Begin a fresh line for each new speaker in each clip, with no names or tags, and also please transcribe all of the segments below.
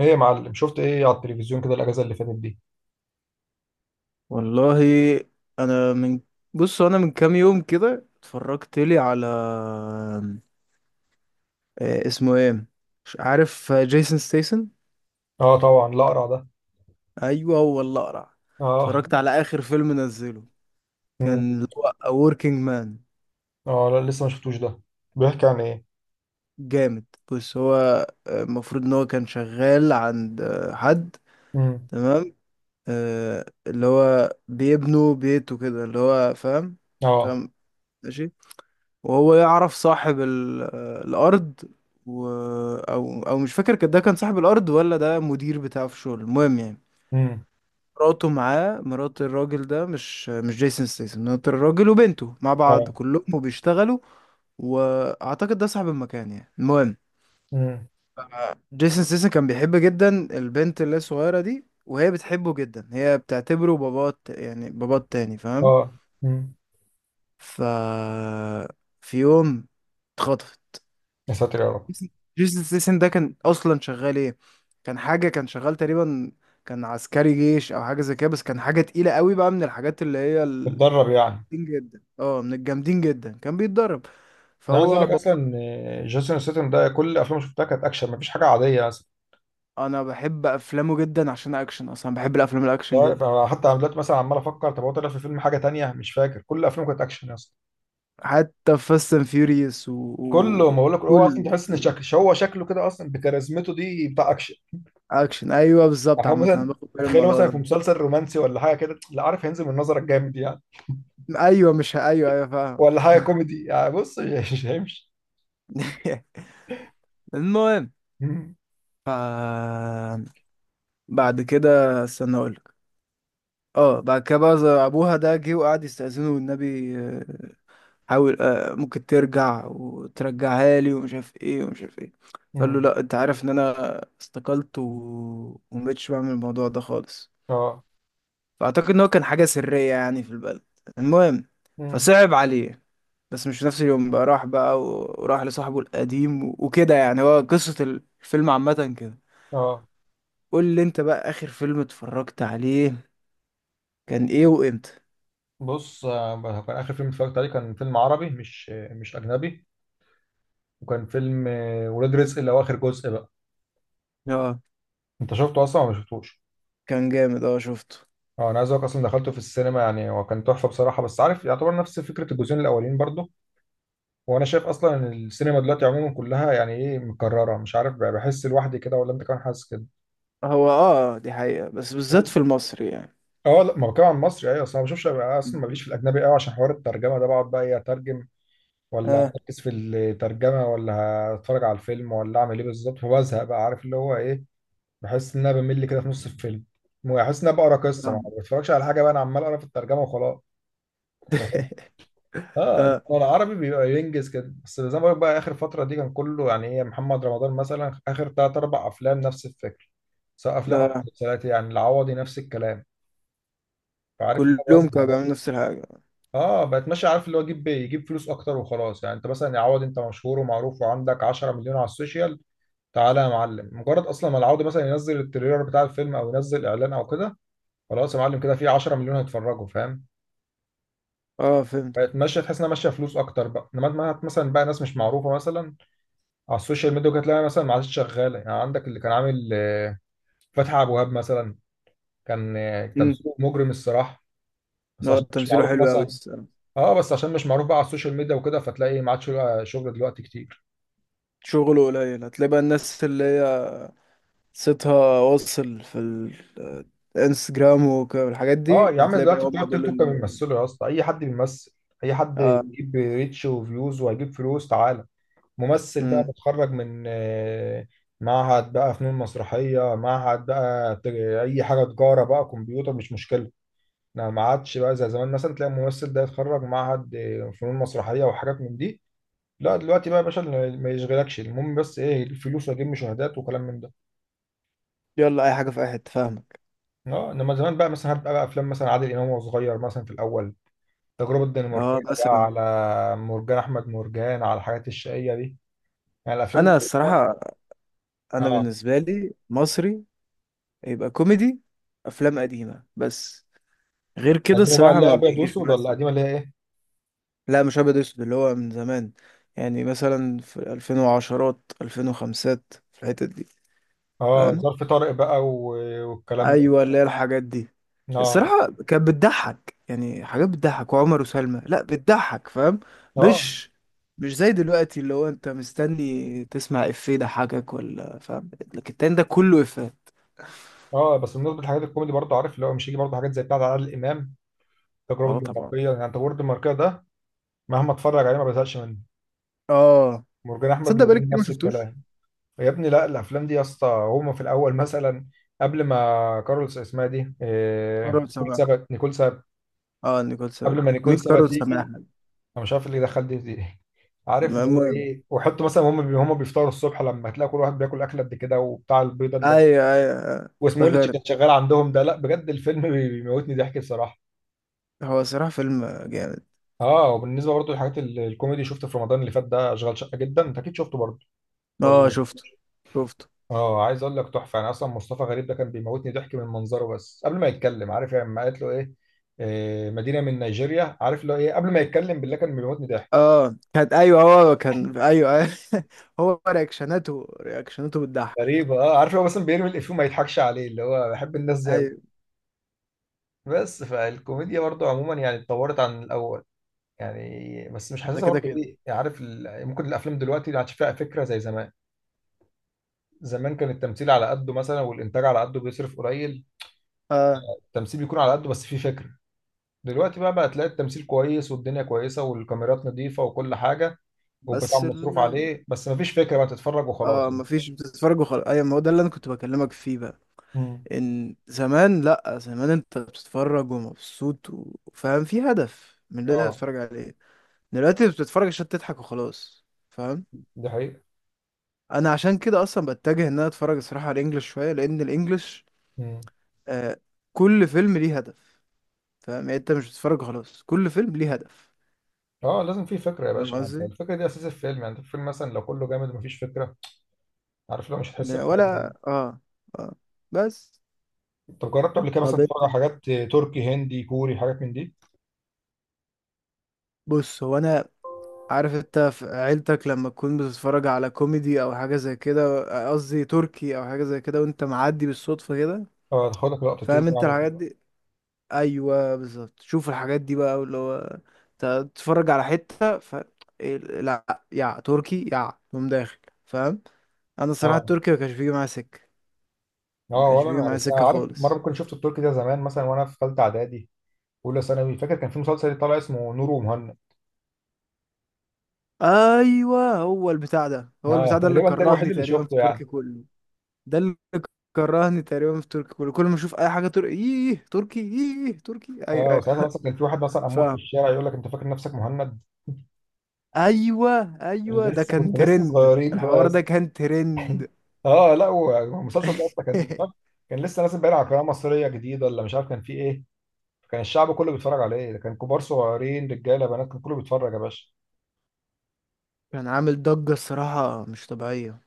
ايه يا معلم، شفت ايه على التلفزيون كده الاجازه اللي فاتت دي؟
والله، انا من بص، انا من كام يوم كده اتفرجت لي على اسمه ايه، مش عارف. جيسون ستيسن.
اه طبعا الاقرع ده.
ايوه هو اللي اقرع.
اه.
اتفرجت على اخر فيلم نزله،
امم.
كان اللي هو A Working Man.
اه لا، لسه ما شفتوش ده. بيحكي عن ايه؟
جامد. بص هو، المفروض ان هو كان شغال عند حد.
امم.
تمام. اللي هو بيبنوا بيته كده، اللي هو فاهم.
اه.
فاهم. ماشي. وهو يعرف صاحب الارض، و... او مش فاكر، ده كان صاحب الارض ولا ده مدير بتاعه في الشغل، المهم يعني.
امم.
مراته معاه، مرات الراجل ده، مش جيسون ستيسن، مرات الراجل وبنته مع بعض
اه.
كلهم وبيشتغلوا. واعتقد ده صاحب المكان يعني. المهم،
امم.
جيسون ستيسن كان بيحب جدا البنت اللي هي الصغيره دي، وهي بتحبه جدا، هي بتعتبره باباه يعني باباه التاني، فاهم.
اه. امم.
ف في يوم اتخطف.
يا ساتر يا رب.
جيسون ستيسن ده كان اصلا شغال ايه؟ كان حاجه، كان شغال تقريبا، كان عسكري جيش او حاجه زي كده، بس كان حاجه تقيله قوي بقى، من الحاجات اللي هي
بتدرب
الجامدين
يعني؟
جدا. اه، من الجامدين جدا، كان بيتدرب.
انا عايز اقول
فهو
لك
بابا.
اصلا إن جيسون ستاثام ده كل افلامه شفتها كانت اكشن، مفيش حاجه عاديه اصلا.
انا بحب افلامه جدا عشان اكشن، اصلا بحب الافلام
مش
الاكشن
عارف،
جدا.
انا حتى أنا دلوقتي مثلا عمال افكر طب هو طلع في فيلم حاجه تانية، مش فاكر. كل افلامه كانت اكشن اصلا.
حتى فاست اند فيوريوس
كله، ما اقول لك، هو اصلا
كله
تحس ان
كله
شكل هو شكله كده اصلا بكاريزمته دي بتاع اكشن.
اكشن. ايوه بالظبط.
احنا
عامه انا
مثلا
باخد بالي من
تتخيلوا
الموضوع
مثلا في
ده.
مسلسل رومانسي ولا حاجه كده، لا عارف هينزل من نظرك جامد يعني.
ايوه مش ه- ايوه ايوه، فاهم.
ولا حاجه كوميدي يعني، بص مش هيمشي.
المهم.
مم.
ف بعد كده استنى اقولك. اه بعد كده بقى زي ابوها ده جه وقعد يستأذنه والنبي، حاول، ممكن ترجع وترجعها لي ومش عارف ايه ومش عارف ايه. فقال له
مم.
لا، انت عارف ان انا استقلت ومبقتش بعمل الموضوع ده خالص.
اه.
فاعتقد ان هو كان حاجة سرية يعني في البلد، المهم.
مم.
فصعب عليه، بس مش في نفس اليوم بقى، راح بقى وراح لصاحبه القديم وكده، يعني هو قصة الفيلم عامة كده.
اه.
قول لي انت بقى، اخر فيلم اتفرجت عليه كان ايه وامتى؟
بص، كان اخر فيلم اتفرجت عليه كان فيلم عربي، مش مش اجنبي. وكان فيلم ولاد رزق اللي هو اخر جزء بقى.
اه
انت شفته اصلا ولا ما شفتوش؟
كان جامد، اه شفته.
اه انا عايز اقولك اصلا دخلته في السينما يعني، وكان تحفه بصراحه، بس عارف يعتبر نفس فكره الجزئين الاولين برضه. وانا شايف اصلا ان السينما دلوقتي عموما كلها يعني ايه مكرره، مش عارف بقى، بحس لوحدي كده ولا انت كمان حاسس كده؟
هو اه دي حقيقة بس بالذات في
بحس.
المصري يعني.
اه لا، ما بتكلم عن مصري، ايوه. اصل انا ما بشوفش اصلا، ماليش في الاجنبي قوي، عشان حوار الترجمه ده بقعد بقى ايه، اترجم ولا
اه
اركز في الترجمه ولا هتفرج على الفيلم ولا اعمل ايه بالظبط؟ فبزهق بقى، عارف اللي هو ايه. بحس ان انا بمل كده في نص الفيلم. بحس ان انا بقرا قصه، ما
فاهم.
بتفرجش على حاجه بقى، انا عمال اقرا في الترجمه وخلاص. فاهم؟ اه إنما
اه
العربي بيبقى ينجز كده، بس زي ما بقول لك بقى اخر فتره دي كان كله يعني ايه، محمد رمضان مثلا اخر ثلاث اربع افلام نفس الفكر، سواء افلام او
ده،
مسلسلات. يعني العوضي نفس الكلام، فعارف اللي هو
كلهم كانوا
بزهق.
بيعملوا نفس الحاجة.
اه بقت ماشيه، عارف اللي هو يجيب فلوس اكتر وخلاص. يعني انت مثلا يا عوض، انت مشهور ومعروف وعندك 10 مليون على السوشيال، تعالى يا معلم، مجرد اصلا ما العوض مثلا ينزل التريلر بتاع الفيلم او ينزل اعلان او كده، خلاص يا معلم، كده في 10 مليون هيتفرجوا، فاهم.
اه فهمت.
بقت ماشيه، تحس انها ماشيه فلوس اكتر بقى، انما مثلا بقى ناس مش معروفه مثلا على السوشيال ميديا، كانت تلاقي مثلا ما عادش شغاله. يعني عندك اللي كان عامل فتحي عبد الوهاب مثلا، كان
امم.
تمثيله مجرم الصراحه، بس
هو
عشان مش
تمثيله
معروف
حلو أوي
مثلا.
الصراحة.
اه بس عشان مش معروف بقى على السوشيال ميديا وكده، فتلاقي ما عادش له شغل دلوقتي كتير.
شغله قليل. هتلاقي بقى الناس اللي هي صيتها واصل في الانستجرام والحاجات
اه
دي،
يا عم
هتلاقي بقى
دلوقتي بتوع
هم
التيك
دول
توك
ال.
بيمثلوا، يا اسطى اي حد بيمثل، اي حد
اه.
يجيب ريتش وفيوز وهيجيب فلوس، تعالى ممثل بقى
امم.
متخرج من معهد بقى فنون مسرحية، معهد بقى اي حاجة، تجارة بقى، كمبيوتر، مش مشكلة. لا، ما عادش بقى زي زمان، مثلا تلاقي الممثل ده يتخرج معهد فنون مسرحية وحاجات من دي. لا دلوقتي بقى يا باشا، اللي ما يشغلكش، المهم بس ايه، الفلوس واجيب مشاهدات وكلام من ده.
يلا أي حاجة في أي حتة، فاهمك.
اه انما زمان بقى، مثلا هتبقى بقى افلام مثلا عادل امام وهو صغير مثلا في الاول، التجربة الدنماركية،
اه
بقى
مثلا.
على مرجان أحمد مرجان، على الحاجات الشقية دي، يعني الأفلام دي.
أنا الصراحة، أنا
اه
بالنسبة لي مصري يبقى كوميدي، افلام قديمه بس، غير كده
القديمة بقى
الصراحه
اللي هي
ما
أبيض
بيجيش
وأسود، ولا
مزج.
القديمة اللي هي إيه؟
لا مش ابيض اسود، اللي هو من زمان، يعني مثلا في 2010، 2005، في الحتت دي.
اه
فاهم.
ظرف طارق بقى والكلام ده.
ايوه اللي هي الحاجات دي.
اه.
الصراحه كانت بتضحك، يعني حاجات بتضحك. وعمر وسلمى، لا بتضحك، فاهم.
اه.
مش مش زي دلوقتي اللي هو انت مستني تسمع افيه يضحكك ولا، فاهم، لكن التاني ده كله افيه.
اه بس بالنسبة للحاجات الكوميدي برضه، عارف اللي هو مش هيجي برضه حاجات زي بتاعة عادل إمام، التجربة
اه طبعا.
الدنماركية. يعني التجربة الدنماركية ده مهما اتفرج عليه ما بزهقش منه.
اه
مرجان أحمد
تصدق بقالي
مرجان
كتير ما
نفس
شفتوش.
الكلام. يا ابني، لا الأفلام دي يا اسطى، هما في الأول مثلا قبل ما كارلوس اسمها دي إيه،
مرة
نيكول
سبعة.
سابت، نيكول سابت،
اه نيكول
قبل
سابا
ما نيكول
مين؟
سابا
كارول سماحة.
تيجي، انا مش عارف اللي دخل دي عارف اللي هو
المهم.
ايه، وحط مثلا هم بيفطروا الصبح، لما هتلاقي كل واحد بياكل اكله قد كده وبتاع البيضه اللي
ايوه ايوه،
واسمه إيه اللي كان
افتكرت.
شغال عندهم ده، لا بجد الفيلم بيموتني ضحك بصراحه.
هو صراحة فيلم جامد.
اه وبالنسبه برضو للحاجات الكوميدي، شفته في رمضان اللي فات ده اشغال شقه جدا، انت اكيد شفته برضو ولا
اه
مش؟
شفته، شفته.
اه عايز اقول لك تحفه. انا اصلا مصطفى غريب ده كان بيموتني ضحك من منظره بس قبل ما يتكلم، عارف يعني لما قالت له ايه، مدينه من نيجيريا، عارف اللي هو ايه، قبل ما يتكلم بالله كان بيموتني ضحك.
اه كانت ايوه، هو كان ايوه ايوه. هو رياكشناته، رياكشناته بتضحك.
غريبة. اه عارف هو مثلا بيرمي الإفيه وما يضحكش عليه، اللي هو بحب الناس دي أوي.
ايوه.
بس فالكوميديا برضو عموما يعني اتطورت عن الأول يعني، بس مش
ده
حاسسها
كده
برضو
كده.
إيه يعني، عارف ال... ممكن الأفلام دلوقتي ما عادش فيها فكرة زي زمان. زمان كان التمثيل على قده مثلا، والإنتاج على قده بيصرف قليل،
اه
التمثيل بيكون على قده، بس فيه فكرة. دلوقتي بقى تلاقي التمثيل كويس والدنيا كويسة والكاميرات نظيفة وكل حاجة والبتاع
بس ال...
مصروف عليه، بس مفيش فكرة بقى، تتفرج وخلاص
اه
يعني.
مفيش، بتتفرج وخلاص. ايوه، ما هو ده اللي انا كنت بكلمك فيه بقى.
مم.
ان زمان، لا، زمان انت بتتفرج ومبسوط وفاهم في هدف من اللي انت
اه
بتتفرج عليه. دلوقتي بتتفرج عشان تضحك وخلاص، فاهم.
دي حقيقة.
انا عشان كده اصلا بتجه ان انا اتفرج الصراحه على الانجليش شويه، لان الانجليش آه كل فيلم ليه هدف. فاهم يعني، انت مش بتتفرج خلاص، كل فيلم ليه هدف.
اه لازم في فكره يا
فاهم
باشا، انت
قصدي.
الفكره دي اساس الفيلم، يعني انت الفيلم مثلا لو كله جامد ومفيش فكره، عارف لو مش هتحس بحاجه
ولا
يعني.
اه. اه بس.
طب جربت قبل كده مثلا
طب
تتفرج على
انت.
حاجات تركي، هندي، كوري، حاجات من دي؟
بص هو انا، عارف انت في عيلتك لما تكون بتتفرج على كوميدي او حاجه زي كده، قصدي تركي او حاجه زي كده، وانت معدي بالصدفه كده،
اه هتاخدك لقطتين
فاهم انت
يعني.
الحاجات دي. ايوه بالظبط، شوف الحاجات دي بقى اللي هو تتفرج على حته، ف لا يا تركي يا تقوم داخل، فاهم. انا الصراحه
اه.
التركي ما كانش بيجي معايا سكه. ما
اه
كانش
ولا
بيجي
انا
معايا
بس. أنا
سكه
عارف مره
خالص.
كنت شفت التركي ده زمان مثلا وانا في ثالثه اعدادي، اولى ثانوي، فاكر كان في مسلسل طالع اسمه نور ومهند.
ايوه هو البتاع ده، هو
اه
البتاع ده اللي
تقريبا ده الوحيد
كرهني
اللي
تقريبا في
شفته
التركي
يعني.
كله. ده اللي كرهني تقريبا في التركي كله. كل ما اشوف اي حاجه، تركي ايه، تركي ايه، تركي ايوه
اه ساعتها
ايوه.
مثلا كان في واحد مثلا امور في
فاهم.
الشارع يقول لك انت فاكر نفسك مهند.
ايوه ايوه، ده
لسه
كان
كنا لسه
ترند،
صغيرين
الحوار
بقى.
ده كان ترند.
اه لا والمسلسل ده اصلا كان، كان لسه نازل باين على قناه مصريه جديده ولا مش عارف كان فيه ايه، كان الشعب كله بيتفرج عليه. كان كبار صغيرين رجاله بنات، كان كله بيتفرج يا باشا.
كان عامل ضجة الصراحة مش طبيعية.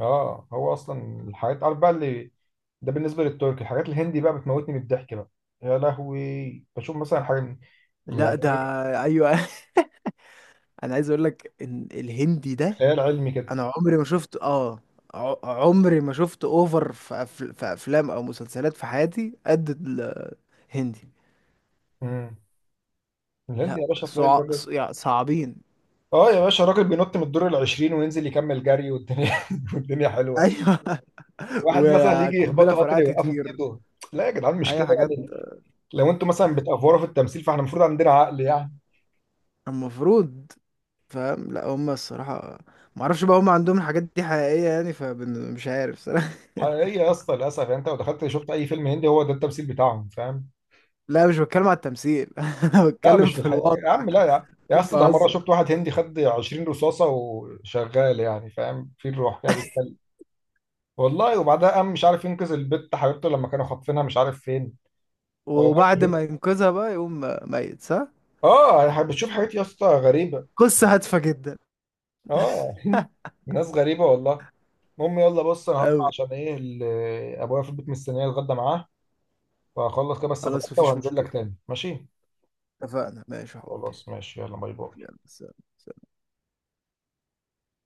اه هو اصلا الحاجات عارف بقى اللي ده بالنسبه للتركي. الحاجات الهندي بقى بتموتني من الضحك بقى. يا لهوي بشوف مثلا حاجه،
لا
يعني
ده.
ايه،
ايوه. انا عايز اقول لك ان الهندي ده،
خيال علمي كده.
انا عمري ما شفت اه، ع- عمري ما شفت اوفر في، في افلام او مسلسلات في حياتي قد الهندي.
امم. الهندي
لا
يا باشا تلاقي الراجل،
يعني صعبين.
اه يا باشا الراجل بينط من الدور ال 20 وينزل يكمل جري، والدنيا والدنيا حلوه.
ايوه.
واحد مثلا يجي
وقنبلة
يخبطه قطر
فرقعت
يوقفه
تطير.
بايده. لا يا جدعان، مش
اي
كده
حاجات.
يعني. لو انتوا مثلا بتأفوروا في التمثيل، فاحنا المفروض عندنا عقل يعني.
المفروض. فاهم. لا هم الصراحة، ما اعرفش بقى، هم عندهم الحاجات دي حقيقية يعني، فمش عارف صراحة.
حقيقية يا اسطى، للاسف يعني، انت لو دخلت شفت اي فيلم هندي هو ده التمثيل بتاعهم فاهم.
لا مش بتكلم على التمثيل. انا
لا
بتكلم
مش في
في
الحقيقة يا
الواقع.
عم، لا يا عم يا اسطى، ده مره
بهزر.
شفت واحد هندي خد 20 رصاصه وشغال، يعني فاهم في الروح كده بيتكلم. والله. وبعدها قام مش عارف ينقذ البت حبيبته لما كانوا خاطفينها مش عارف فين.
وبعد
والله.
ما ينقذها بقى يقوم ميت، صح.
اه بتشوف حاجات يا اسطى غريبه.
قصة هادفة جدا.
اه. ناس غريبه والله. المهم، يلا بص انا هطلع
أوي.
عشان ايه ابويا في البيت مستنيه الغدا معاه، فهخلص كده بس اتغدى
خلاص مفيش
وهنزل
مشكلة.
لك تاني ماشي.
اتفقنا ماشي يا حبي.
خلاص ماشي يلا، باي باي.
يلا سلام.